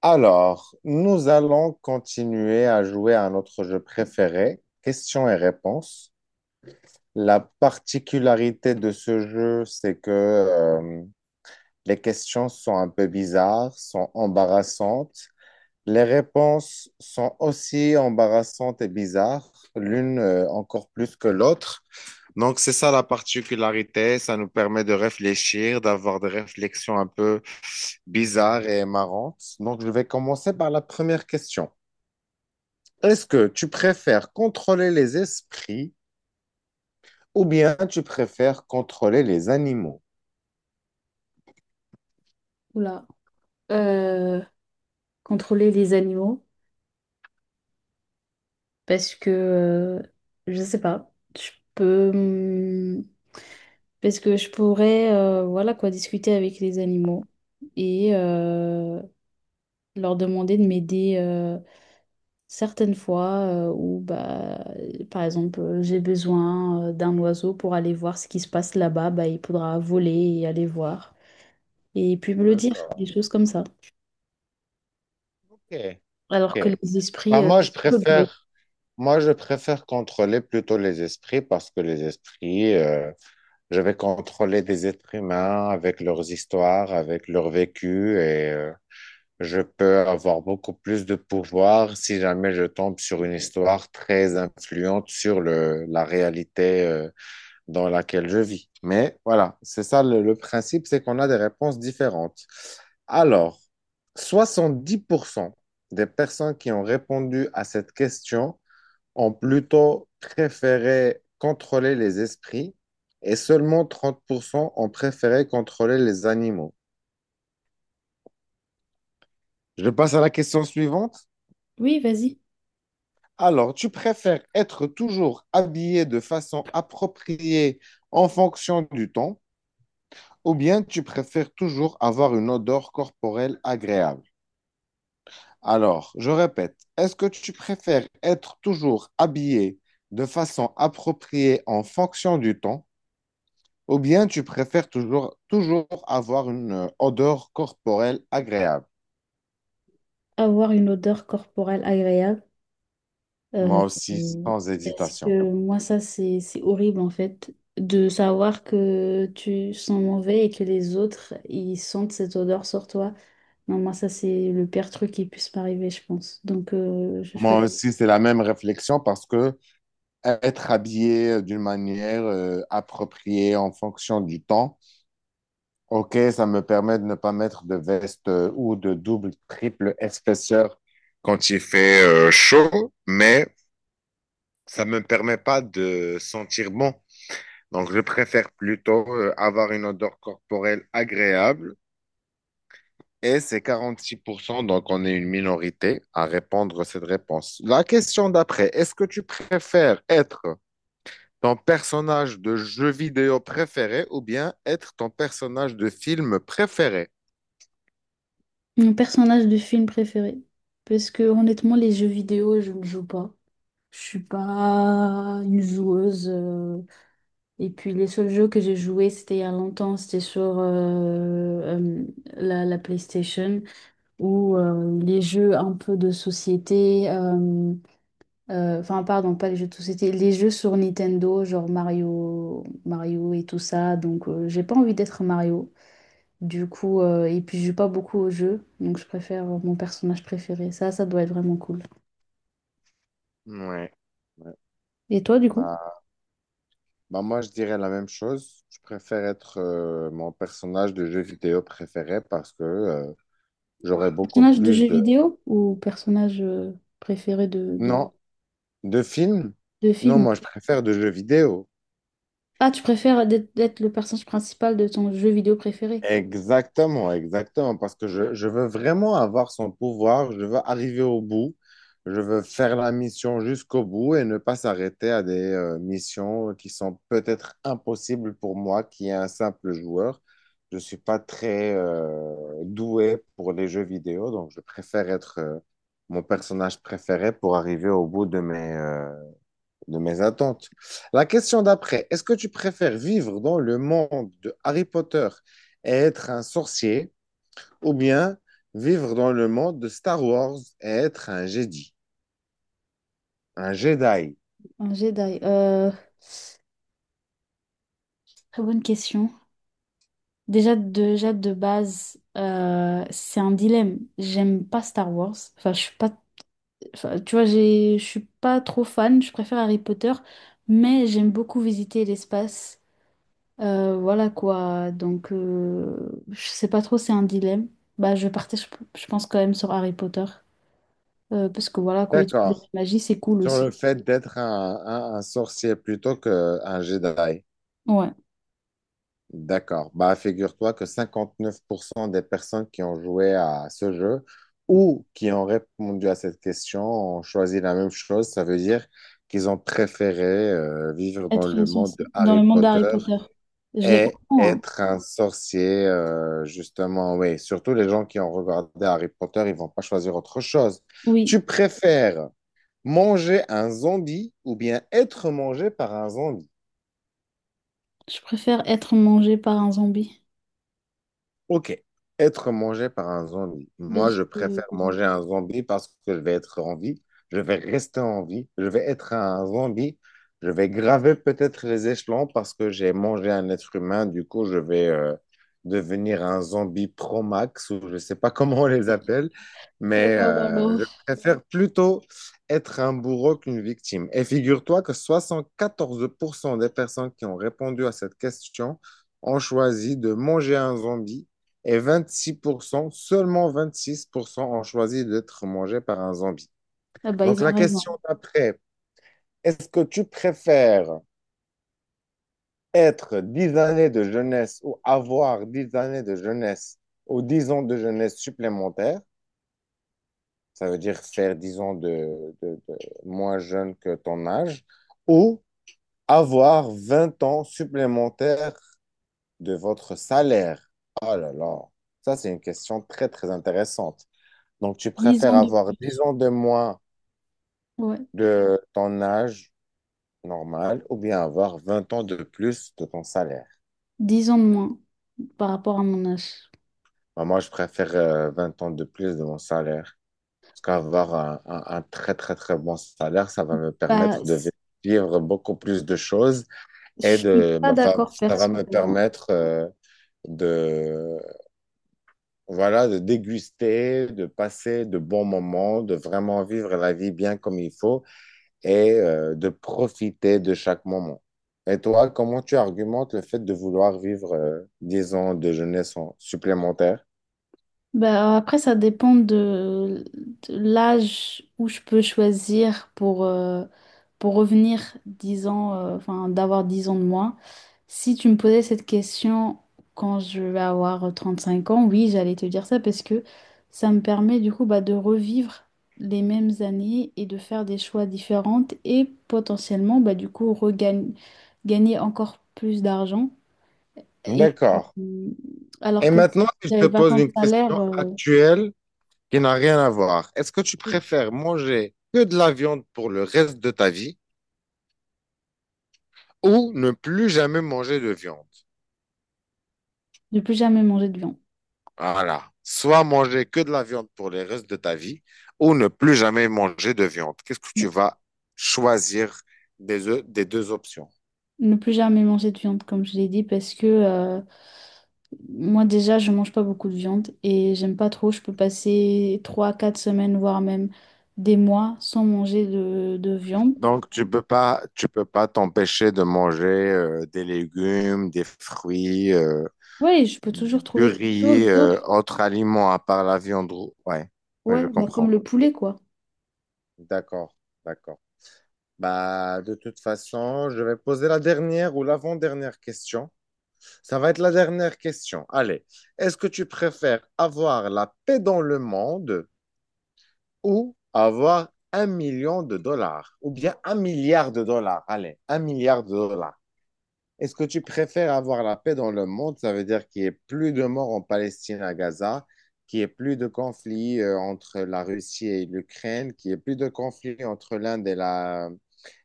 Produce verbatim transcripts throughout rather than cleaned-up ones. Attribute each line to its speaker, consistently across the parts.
Speaker 1: Alors, nous allons continuer à jouer à notre jeu préféré, questions et réponses. La particularité de ce jeu, c'est que euh, les questions sont un peu bizarres, sont embarrassantes. Les réponses sont aussi embarrassantes et bizarres, l'une euh, encore plus que l'autre. Donc, c'est ça la particularité. Ça nous permet de réfléchir, d'avoir des réflexions un peu bizarres et marrantes. Donc, je vais commencer par la première question. Est-ce que tu préfères contrôler les esprits ou bien tu préfères contrôler les animaux?
Speaker 2: Oula. Euh, Contrôler les animaux parce que euh, je sais pas. Je peux hum, parce que je pourrais euh, voilà quoi discuter avec les animaux et euh, leur demander de m'aider euh, certaines fois euh, où bah par exemple euh, j'ai besoin euh, d'un oiseau pour aller voir ce qui se passe là-bas, bah il faudra voler et aller voir et puis me le dire, des
Speaker 1: D'accord.
Speaker 2: choses comme ça.
Speaker 1: Ok,
Speaker 2: Alors
Speaker 1: ok.
Speaker 2: que les esprits
Speaker 1: Bah,
Speaker 2: euh,
Speaker 1: moi,
Speaker 2: c'est
Speaker 1: je
Speaker 2: un peu bleu.
Speaker 1: préfère, moi, je préfère contrôler plutôt les esprits parce que les esprits, euh, je vais contrôler des êtres humains avec leurs histoires, avec leur vécu et euh, je peux avoir beaucoup plus de pouvoir si jamais je tombe sur une histoire très influente sur le, la réalité euh, dans laquelle je vis. Mais voilà, c'est ça le, le principe, c'est qu'on a des réponses différentes. Alors, soixante-dix pour cent des personnes qui ont répondu à cette question ont plutôt préféré contrôler les esprits et seulement trente pour cent ont préféré contrôler les animaux. Je passe à la question suivante.
Speaker 2: Oui, vas-y.
Speaker 1: Alors, tu préfères être toujours habillé de façon appropriée en fonction du temps, ou bien tu préfères toujours avoir une odeur corporelle agréable? Alors, je répète, est-ce que tu préfères être toujours habillé de façon appropriée en fonction du temps, ou bien tu préfères toujours, toujours avoir une euh, odeur corporelle agréable?
Speaker 2: Avoir une odeur corporelle agréable. euh,
Speaker 1: Moi aussi,
Speaker 2: euh,
Speaker 1: sans
Speaker 2: Parce
Speaker 1: hésitation.
Speaker 2: que moi, ça, c'est, c'est horrible en fait, de savoir que tu sens mauvais et que les autres, ils sentent cette odeur sur toi. Non, moi, ça, c'est le pire truc qui puisse m'arriver, je pense. Donc, euh, je
Speaker 1: Moi
Speaker 2: souhaite.
Speaker 1: aussi, c'est la même réflexion parce que être habillé d'une manière euh, appropriée en fonction du temps. OK, ça me permet de ne pas mettre de veste euh, ou de double, triple épaisseur quand il fait euh, chaud, mais ça me permet pas de sentir bon. Donc, je préfère plutôt euh, avoir une odeur corporelle agréable. Et c'est quarante-six pour cent. Donc on est une minorité à répondre à cette réponse. La question d'après, est-ce que tu préfères être ton personnage de jeu vidéo préféré ou bien être ton personnage de film préféré?
Speaker 2: Mon personnage de film préféré. Parce que honnêtement, les jeux vidéo, je ne joue pas. Je suis pas une joueuse. euh, Et puis les seuls jeux que j'ai joués, c'était il y a longtemps, c'était sur euh, euh, la, la PlayStation ou euh, les jeux un peu de société, euh, euh, enfin pardon, pas les jeux de société, les jeux sur Nintendo, genre Mario, Mario et tout ça. Donc euh, j'ai pas envie d'être Mario. Du coup, euh, et puis je joue pas beaucoup aux jeux, donc je préfère mon personnage préféré. Ça, ça doit être vraiment cool.
Speaker 1: Ouais. Ouais.
Speaker 2: Et toi, du coup?
Speaker 1: Bah, bah moi, je dirais la même chose. Je préfère être euh, mon personnage de jeu vidéo préféré parce que euh, j'aurais beaucoup
Speaker 2: Personnage de
Speaker 1: plus
Speaker 2: jeu
Speaker 1: de…
Speaker 2: vidéo ou personnage euh, préféré de, de,
Speaker 1: Non, de films?
Speaker 2: de
Speaker 1: Non,
Speaker 2: film?
Speaker 1: moi, je préfère de jeux vidéo.
Speaker 2: Ah, tu préfères d'être d'être le personnage principal de ton jeu vidéo préféré?
Speaker 1: Exactement, exactement, parce que je, je veux vraiment avoir son pouvoir, je veux arriver au bout, je veux faire la mission jusqu'au bout et ne pas s'arrêter à des euh, missions qui sont peut-être impossibles pour moi, qui est un simple joueur. Je suis pas très euh, doué pour les jeux vidéo, donc je préfère être euh, mon personnage préféré pour arriver au bout de mes, euh, de mes attentes. La question d'après, est-ce que tu préfères vivre dans le monde de Harry Potter et être un sorcier ou bien vivre dans le monde de Star Wars et être un Jedi, un Jedi?
Speaker 2: Un Jedi. euh, Très bonne question. Déjà, déjà de base, euh, c'est un dilemme. J'aime pas Star Wars. Enfin, je suis pas. Enfin, tu vois, j'ai, je suis pas trop fan. Je préfère Harry Potter, mais j'aime beaucoup visiter l'espace. Euh, voilà quoi. Donc, euh, je sais pas trop. C'est un dilemme. Bah, je partais. Je, je pense quand même sur Harry Potter. Euh, parce que voilà quoi. Utiliser
Speaker 1: D'accord,
Speaker 2: la magie, c'est cool
Speaker 1: sur le
Speaker 2: aussi.
Speaker 1: fait d'être un, un- un sorcier plutôt qu'un Jedi.
Speaker 2: Ouais.
Speaker 1: D'accord. Bah, figure-toi que cinquante-neuf pour cent des personnes qui ont joué à ce jeu ou qui ont répondu à cette question ont choisi la même chose. Ça veut dire qu'ils ont préféré euh, vivre dans
Speaker 2: Être
Speaker 1: le monde de
Speaker 2: sorcier dans
Speaker 1: Harry
Speaker 2: le monde
Speaker 1: Potter
Speaker 2: d'Harry Potter. Je les
Speaker 1: et
Speaker 2: comprends, hein.
Speaker 1: être un sorcier, euh, justement. Oui, surtout les gens qui ont regardé Harry Potter, ils vont pas choisir autre chose.
Speaker 2: Oui,
Speaker 1: Tu préfères manger un zombie ou bien être mangé par un zombie?
Speaker 2: je préfère être mangé par un zombie.
Speaker 1: Ok. Être mangé par un zombie. Moi,
Speaker 2: Parce
Speaker 1: je
Speaker 2: que...
Speaker 1: préfère manger un zombie parce que je vais être en vie, je vais rester en vie, je vais être un zombie, je vais graver peut-être les échelons parce que j'ai mangé un être humain, du coup, je vais euh, devenir un zombie pro-max ou je ne sais pas comment on les appelle,
Speaker 2: Ah
Speaker 1: mais
Speaker 2: non, non,
Speaker 1: euh,
Speaker 2: non.
Speaker 1: je préfère plutôt être un bourreau qu'une victime. Et figure-toi que soixante quatorze pour cent des personnes qui ont répondu à cette question ont choisi de manger un zombie et vingt-six pour cent, seulement vingt-six pour cent ont choisi d'être mangés par un zombie.
Speaker 2: Ah bah,
Speaker 1: Donc
Speaker 2: ils ont
Speaker 1: la
Speaker 2: raison.
Speaker 1: question d'après, est-ce que tu préfères être dix années de jeunesse ou avoir dix années de jeunesse ou dix ans de jeunesse supplémentaires, ça veut dire faire dix ans de, de- de moins jeune que ton âge, ou avoir vingt ans supplémentaires de votre salaire. Oh là là, ça c'est une question très très intéressante. Donc, tu
Speaker 2: Dix
Speaker 1: préfères
Speaker 2: ans de
Speaker 1: avoir dix
Speaker 2: plus.
Speaker 1: ans de moins
Speaker 2: Ouais.
Speaker 1: de ton âge normal ou bien avoir vingt ans de plus de ton salaire?
Speaker 2: Dix ans de moins par rapport à mon âge.
Speaker 1: Bah, moi, je préfère euh, vingt ans de plus de mon salaire. Parce qu'avoir un, un- un très, très, très bon salaire, ça va me
Speaker 2: Bah,
Speaker 1: permettre de vi-
Speaker 2: c-
Speaker 1: vivre beaucoup plus de choses
Speaker 2: je
Speaker 1: et
Speaker 2: suis
Speaker 1: de,
Speaker 2: pas
Speaker 1: me fa-
Speaker 2: d'accord
Speaker 1: ça va me
Speaker 2: personnellement.
Speaker 1: permettre euh, de, voilà, de déguster, de passer de bons moments, de vraiment vivre la vie bien comme il faut et euh, de profiter de chaque moment. Et toi, comment tu argumentes le fait de vouloir vivre euh, dix ans de jeunesse en- supplémentaire?
Speaker 2: Ben, après, ça dépend de, de l'âge où je peux choisir pour, euh, pour revenir dix ans, euh, enfin, d'avoir dix ans de moins. Si tu me posais cette question quand je vais avoir trente-cinq ans, oui, j'allais te dire ça parce que ça me permet du coup bah, de revivre les mêmes années et de faire des choix différentes et potentiellement bah, du coup regagner gagner encore plus d'argent. Et
Speaker 1: D'accord.
Speaker 2: euh, alors
Speaker 1: Et
Speaker 2: que si
Speaker 1: maintenant, si je te
Speaker 2: j'avais pas
Speaker 1: pose
Speaker 2: tant de
Speaker 1: une
Speaker 2: salaire.
Speaker 1: question
Speaker 2: euh,
Speaker 1: actuelle qui n'a rien à voir, est-ce que tu
Speaker 2: Oui.
Speaker 1: préfères manger que de la viande pour le reste de ta vie ou ne plus jamais manger de viande?
Speaker 2: Ne plus jamais manger de viande.
Speaker 1: Voilà. Soit manger que de la viande pour le reste de ta vie ou ne plus jamais manger de viande. Qu'est-ce que tu
Speaker 2: Ne
Speaker 1: vas choisir des, o- des deux options?
Speaker 2: ne plus jamais manger de viande, comme je l'ai dit, parce que euh, moi déjà, je mange pas beaucoup de viande et j'aime pas trop. Je peux passer trois, quatre semaines, voire même des mois sans manger de, de viande.
Speaker 1: Donc, tu peux pas, tu peux pas t'empêcher de manger euh, des légumes, des fruits, euh,
Speaker 2: Ouais, je peux
Speaker 1: des
Speaker 2: toujours trouver quelque
Speaker 1: purées,
Speaker 2: chose
Speaker 1: euh,
Speaker 2: d'autre.
Speaker 1: autres aliments à part la viande. rou- Ouais, ouais,
Speaker 2: Ouais,
Speaker 1: je
Speaker 2: bah comme
Speaker 1: comprends.
Speaker 2: le poulet, quoi.
Speaker 1: D'accord, d'accord. Bah, de toute façon, je vais poser la dernière ou l'avant-dernière question. Ça va être la dernière question. Allez, est-ce que tu préfères avoir la paix dans le monde ou avoir un million de dollars ou bien un milliard de dollars? Allez, un milliard de dollars. Est-ce que tu préfères avoir la paix dans le monde? Ça veut dire qu'il n'y ait plus de morts en Palestine à Gaza, qu'il n'y ait plus de conflits euh, entre la Russie et l'Ukraine, qu'il n'y ait plus de conflits entre l'Inde et la,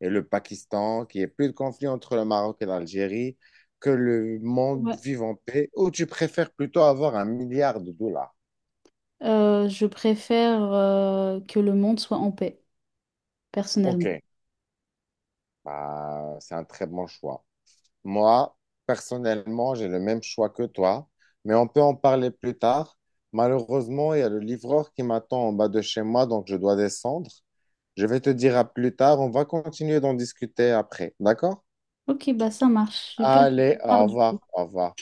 Speaker 1: et le Pakistan, qu'il n'y ait plus de conflits entre le Maroc et l'Algérie, que le monde
Speaker 2: Ouais.
Speaker 1: vive en paix, ou tu préfères plutôt avoir un milliard de dollars?
Speaker 2: Euh, je préfère euh, que le monde soit en paix,
Speaker 1: Ok,
Speaker 2: personnellement.
Speaker 1: bah, c'est un très bon choix. Moi, personnellement, j'ai le même choix que toi, mais on peut en parler plus tard. Malheureusement, il y a le livreur qui m'attend en bas de chez moi, donc je dois descendre. Je vais te dire à plus tard, on va continuer d'en discuter après, d'accord?
Speaker 2: Ok, bah ça marche. Super.
Speaker 1: Allez,
Speaker 2: Tard,
Speaker 1: au
Speaker 2: du coup.
Speaker 1: revoir, au revoir.